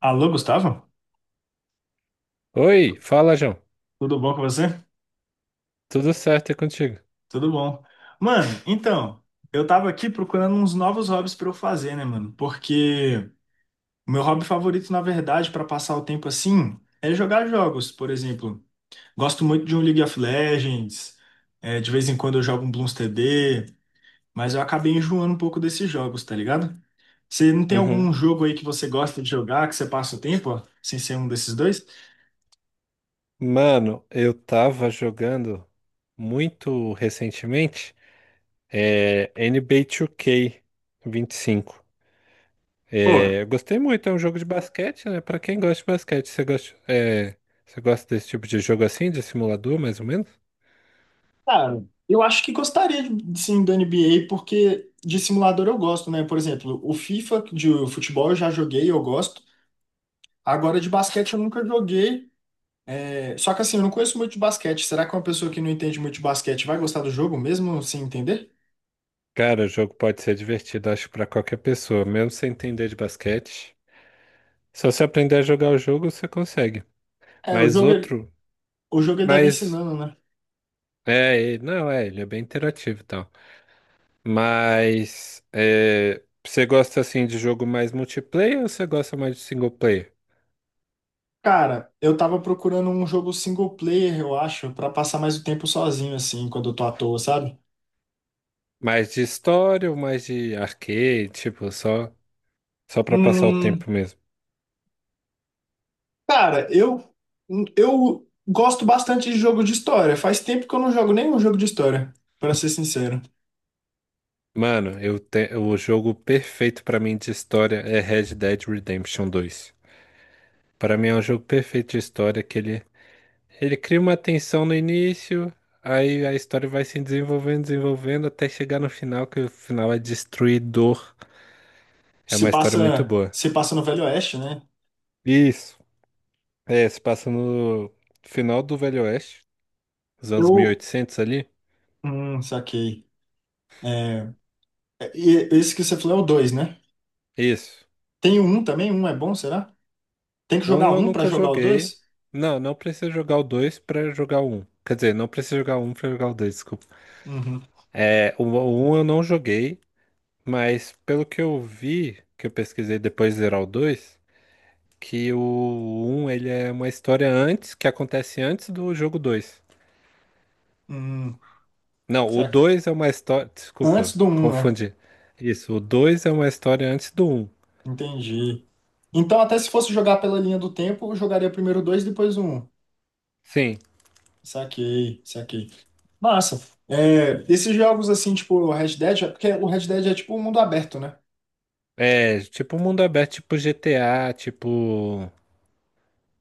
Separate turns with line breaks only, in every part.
Alô, Gustavo?
Oi, fala, João.
Tudo bom com você?
Tudo certo é contigo?
Tudo bom. Mano, então, eu tava aqui procurando uns novos hobbies pra eu fazer, né, mano? Porque o meu hobby favorito, na verdade, pra passar o tempo assim, é jogar jogos, por exemplo. Gosto muito de um League of Legends, de vez em quando eu jogo um Bloons TD, mas eu acabei enjoando um pouco desses jogos, tá ligado? Você não tem
Uhum.
algum jogo aí que você gosta de jogar, que você passa o tempo, ó, sem ser um desses dois?
Mano, eu tava jogando muito recentemente NBA 2K 25.
Pô.
É, eu gostei muito, é um jogo de basquete, né? Pra quem gosta de basquete, você gosta desse tipo de jogo assim, de simulador, mais ou menos?
Cara, eu acho que gostaria sim do NBA, porque de simulador eu gosto, né? Por exemplo, o FIFA de futebol eu já joguei, eu gosto. Agora de basquete eu nunca joguei. É, só que assim, eu não conheço muito de basquete. Será que uma pessoa que não entende muito de basquete vai gostar do jogo mesmo sem entender?
Cara, o jogo pode ser divertido, acho, pra qualquer pessoa, mesmo sem entender de basquete. Só se aprender a jogar o jogo, você consegue.
É,
Mas outro,
o jogo ele deve
mas
ensinando, né?
Não, ele é bem interativo e tal. Mas você gosta assim de jogo mais multiplayer ou você gosta mais de single player?
Cara, eu tava procurando um jogo single player, eu acho, pra passar mais o tempo sozinho, assim, quando eu tô à toa, sabe?
Mais de história ou mais de arcade, tipo, só para passar o tempo
Hum,
mesmo?
Cara, eu gosto bastante de jogo de história. Faz tempo que eu não jogo nenhum jogo de história, pra ser sincero.
Mano, o jogo perfeito pra mim de história é Red Dead Redemption dois. Pra mim é um jogo perfeito de história que ele cria uma tensão no início, aí a história vai se desenvolvendo, desenvolvendo até chegar no final, que o final é destruidor. É
Se
uma história muito
passa,
boa.
se passa no Velho Oeste, né?
Isso. É, se passa no final do Velho Oeste, nos anos
Eu.
1800 ali.
Saquei. É, e esse que você falou é o 2, né?
Isso.
Tem o um também? Um é bom, será? Tem que jogar
Um eu
um pra
nunca
jogar o
joguei.
dois?
Não, não precisa jogar o dois pra jogar o um. Quer dizer, não precisa jogar o um pra jogar o dois, desculpa.
Uhum.
É, o um eu não joguei, mas pelo que eu vi, que eu pesquisei depois de zerar o dois, que o um ele é uma história antes, que acontece antes do jogo dois.
Hum,
Não, o
saquei.
2 é uma história. Desculpa,
Antes do um, né?
confundi. Isso, o 2 é uma história antes do um.
Entendi. Então, até se fosse jogar pela linha do tempo, eu jogaria primeiro o 2, depois o Um.
Sim.
Saquei, saquei. Massa. É, esses jogos assim, tipo o Red Dead, é porque o Red Dead é tipo um mundo aberto, né?
É tipo um mundo aberto, tipo GTA, tipo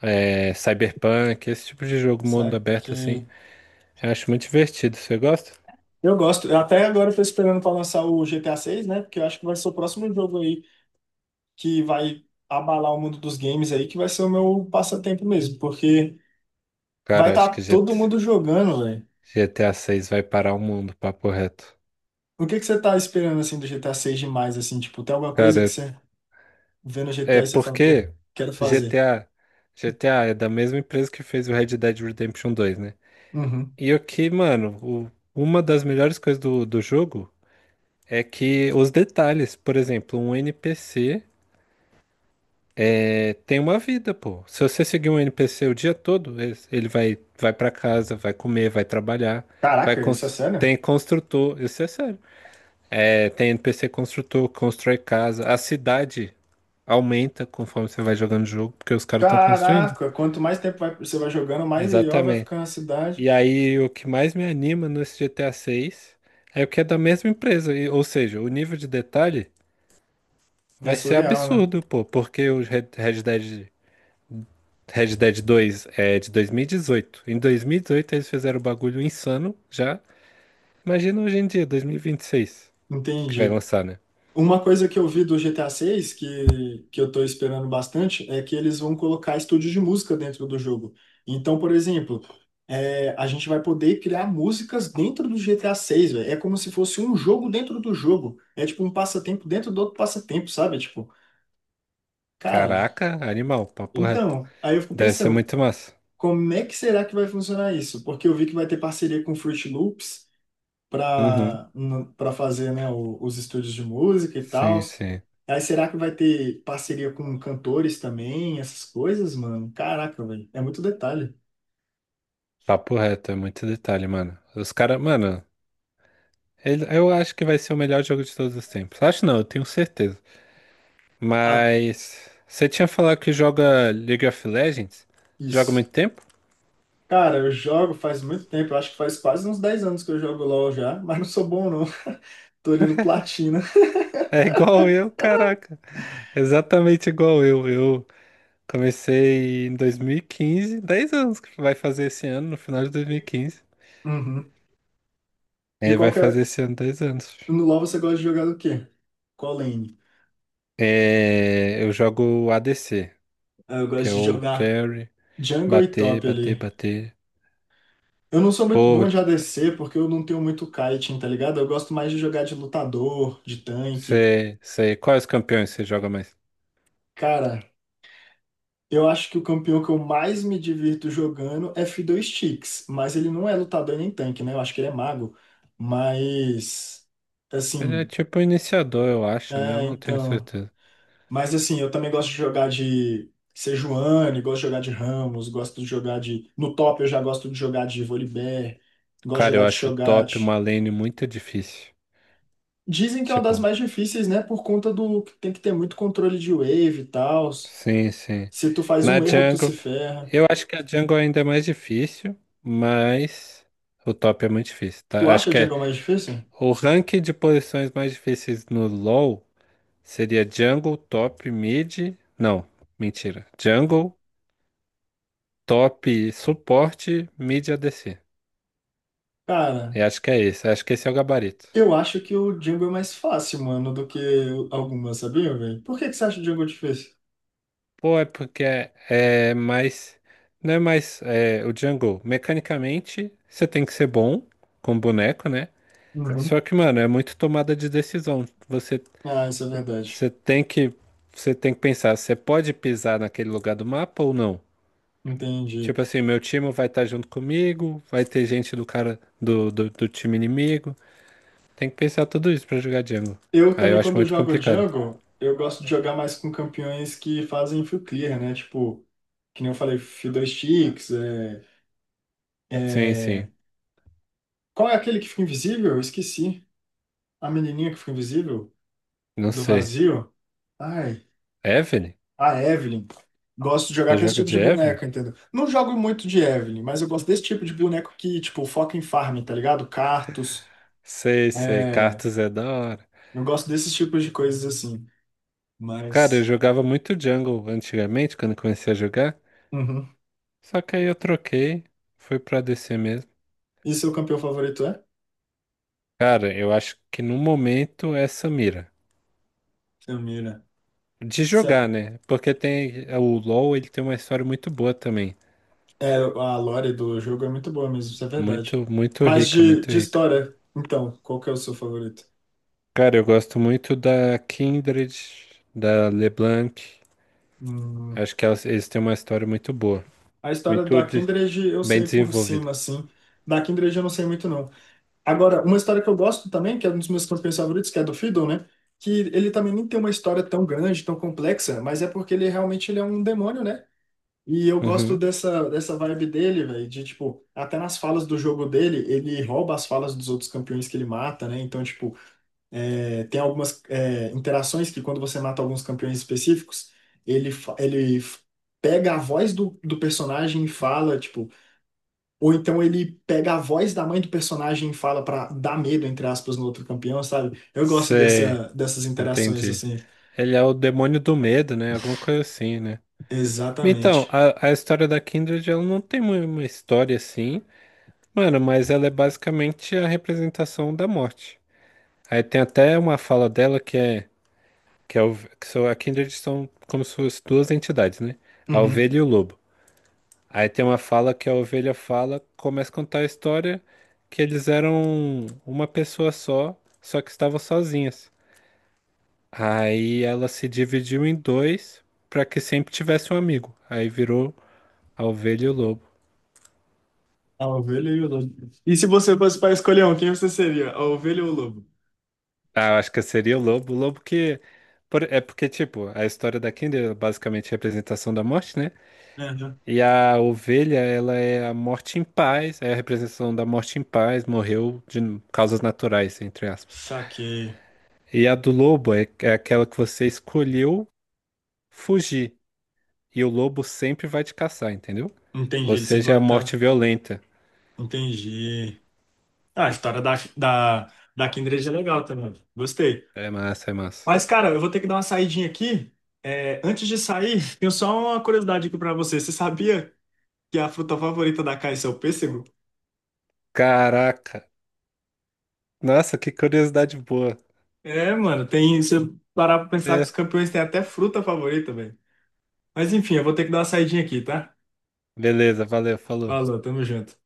Cyberpunk, esse tipo de jogo, mundo
Sabe? Que
aberto assim. Eu acho muito divertido. Você gosta?
eu gosto. Eu até agora eu tô esperando pra lançar o GTA seis, né? Porque eu acho que vai ser o próximo jogo aí que vai abalar o mundo dos games aí, que vai ser o meu passatempo mesmo, porque vai
Cara,
estar
acho
tá
que GT
todo mundo jogando, velho.
GTA 6 vai parar o mundo, papo reto.
O que que você tá esperando assim do GTA seis demais assim, tipo, tem alguma coisa que
Cara,
você vê no GTA
é
e você fala, pô,
porque
quero fazer.
GTA, GTA é da mesma empresa que fez o Red Dead Redemption dois, né?
Uhum.
E o que, mano, uma das melhores coisas do jogo é que os detalhes, por exemplo, um NPC tem uma vida, pô. Se você seguir um NPC o dia todo, ele vai, para casa, vai comer, vai trabalhar,
Caraca, isso é sério?
tem construtor, isso é sério. É, tem NPC construtor, constrói casa, a cidade aumenta conforme você vai jogando o jogo, porque os caras estão construindo.
Caraca, quanto mais tempo vai- você vai jogando, mais maior vai
Exatamente.
ficando a cidade.
E aí o que mais me anima nesse GTA 6 é o que é da mesma empresa, ou seja, o nível de detalhe
É
vai ser
surreal, né?
absurdo, pô, porque o Red Dead 2 é de 2018. Em 2018 eles fizeram o bagulho insano já. Imagina hoje em dia, 2026, que vai
Entendi.
lançar, né?
Uma coisa que eu vi do GTA VI, que eu tô esperando bastante, é que eles vão colocar estúdios de música dentro do jogo. Então, por exemplo, a gente vai poder criar músicas dentro do GTA VI, velho. É como se fosse um jogo dentro do jogo. É tipo um passatempo dentro do outro passatempo, sabe? Tipo, cara,
Caraca, animal, papo reto.
então, aí eu fico
Deve ser
pensando,
muito massa.
como é que será que vai funcionar isso? Porque eu vi que vai ter parceria com Fruit Loops.
Uhum,
para para fazer, né, os estúdios de música e tal.
sim, sim.
Aí será que vai ter parceria com cantores também, essas coisas, mano? Caraca, velho, é muito detalhe.
Papo reto, é muito detalhe, mano. Os caras, mano, eu acho que vai ser o melhor jogo de todos os tempos. Acho não, eu tenho certeza.
Ah,
Mas você tinha falado que joga League of Legends? Joga há
isso.
muito tempo?
Cara, eu jogo faz muito tempo, eu acho que faz quase uns 10 anos que eu jogo LoL já, mas não sou bom não. Tô olhando platina.
É igual eu, caraca. Exatamente igual eu. Eu comecei em 2015, 10 anos que vai fazer esse ano, no final de 2015.
Uhum. E
É,
qual
vai
que é...
fazer esse ano 10 anos.
No LoL você gosta de jogar do quê? Qual lane?
É, eu jogo ADC,
Ah, eu
que
gosto
é
de
o
jogar
carry,
jungle e
bater,
top
bater,
ali.
bater.
Eu não sou muito
Pô,
bom de ADC porque eu não tenho muito kiting, tá ligado? Eu gosto mais de jogar de lutador, de tanque.
quais campeões você joga mais?
Cara, eu acho que o campeão que eu mais me divirto jogando é Fiddle Sticks, mas ele não é lutador nem tanque, né? Eu acho que ele é mago. Mas,
Ele é
assim,
tipo iniciador, eu acho, né? Eu
é,
não tenho
então.
certeza.
Mas, assim, eu também gosto de jogar de Sejuani, gosto de jogar de Ramos, gosto de jogar de. No top eu já gosto de jogar de Volibear, gosto de
Cara, eu
jogar de
acho top
Cho'Gath.
uma lane muito difícil.
Dizem que é uma das
Tipo,
mais difíceis, né? Por conta do que tem que ter muito controle de wave e tal.
sim, sim.
Se tu faz pois
Na
um erro, é, tu se
jungle.
ferra.
Eu acho que a jungle ainda é mais difícil, mas o top é muito difícil,
Tu
tá? Acho
acha
que é
Django mais difícil?
o rank de posições mais difíceis no LoL seria jungle, top, mid. Não, mentira. Jungle, top, suporte, mid ADC.
Cara,
Eu acho que é esse. Acho que esse é o gabarito.
eu acho que o Django é mais fácil, mano, do que algumas, sabia, velho? Por que que você acha o Django difícil?
Pô, é porque é mais. Não é mais. O jungle, mecanicamente, você tem que ser bom com boneco, né?
Uhum.
Só que, mano, é muito tomada de decisão.
Ah, isso é verdade.
Você tem que, você tem que pensar, você pode pisar naquele lugar do mapa ou não?
Entendi.
Tipo assim, meu time vai estar junto comigo, vai ter gente do cara do time inimigo. Tem que pensar tudo isso pra jogar jungle.
Eu
Aí eu
também,
acho
quando
muito
jogo
complicado.
Django, eu gosto de jogar mais com campeões que fazem full clear, né? Tipo, que nem eu falei, Fiddlesticks,
Sim, sim.
é- qual é aquele que fica invisível? Eu esqueci. A menininha que fica invisível,
Não
do
sei.
vazio. Ai,
Evelyn?
a Evelyn. Gosto de
Já
jogar com esse
joga
tipo
de
de
Evelyn?
boneco, entendeu? Não jogo muito de Evelyn, mas eu gosto desse tipo de boneco que, tipo, foca em farm, tá ligado? Cartos.
Sei, sei.
É...
Cartas é da hora.
Eu gosto desses tipos de coisas assim.
Cara, eu
Mas.
jogava muito Jungle antigamente, quando eu comecei a jogar.
Uhum.
Só que aí eu troquei, fui pra DC mesmo.
E seu campeão favorito é?
Cara, eu acho que no momento é Samira.
Samira.
De
Sa-
jogar, né? Porque tem o LoL, ele tem uma história muito boa também.
É, a lore do jogo é muito boa mesmo, isso é verdade.
Muito, muito
Mas
rica,
de,
muito
de
rica.
história, então, qual que é o seu favorito?
Cara, eu gosto muito da Kindred, da LeBlanc.
Hum.
Acho que elas, eles têm uma história muito boa.
A história
Muito
do
de-
Kindred eu
Bem
sei por
desenvolvida.
cima, assim. Da Kindred eu não sei muito, não. Agora, uma história que eu gosto também, que é um dos meus campeões favoritos, que é do Fiddle, né? Que ele também nem tem uma história tão grande, tão complexa, mas é porque ele realmente ele é um demônio, né? E eu gosto
Uhum.
dessa, dessa vibe dele, velho, de tipo, até nas falas do jogo dele, ele rouba as falas dos outros campeões que ele mata, né? Então, tipo, tem algumas interações que quando você mata alguns campeões específicos, ele pega a voz do personagem e fala, tipo, ou então ele pega a voz da mãe do personagem e fala pra dar medo, entre aspas, no outro campeão, sabe? Eu gosto
Cê,
dessa, dessas interações,
Entendi.
assim.
Ele é o demônio do medo, né? Alguma coisa assim, né? Então,
Exatamente.
a história da Kindred, ela não tem uma história assim, mano, mas ela é basicamente a representação da morte. Aí tem até uma fala dela que, é, o- que são, a Kindred são como se fossem duas entidades, né? A
Uhum.
ovelha e o lobo. Aí tem uma fala que a ovelha fala, começa a contar a história que eles eram uma pessoa só, só que estavam sozinhas. Aí ela se dividiu em dois para que sempre tivesse um amigo. Aí virou a ovelha e o lobo.
A ovelha e o lobo. E se você fosse para escolher um, quem você seria? A ovelha ou o lobo?
Ah, eu acho que seria o lobo. O lobo que. É porque, tipo, a história da Kindred é basicamente a representação da morte, né?
Uhum.
E a ovelha, ela é a morte em paz, é a representação da morte em paz, morreu de causas naturais, entre aspas.
Saquei.
E a do lobo é aquela que você escolheu fugir, e o lobo sempre vai te caçar, entendeu?
Entendi,
Ou
ele sempre
seja, é a
vai
morte
estar.
violenta.
Entendi. Ah, a história da Kindred é legal também. Gostei.
É massa, é massa.
Mas, cara, eu vou ter que dar uma saidinha aqui. É, antes de sair, tenho só uma curiosidade aqui pra você. Você sabia que a fruta favorita da Caixa é o pêssego?
Caraca! Nossa, que curiosidade boa.
É, mano, tem. Se eu parar pra pensar que
É,
os campeões têm até fruta favorita, velho. Mas enfim, eu vou ter que dar uma saidinha aqui, tá?
beleza, valeu, falou.
Falou, tamo junto.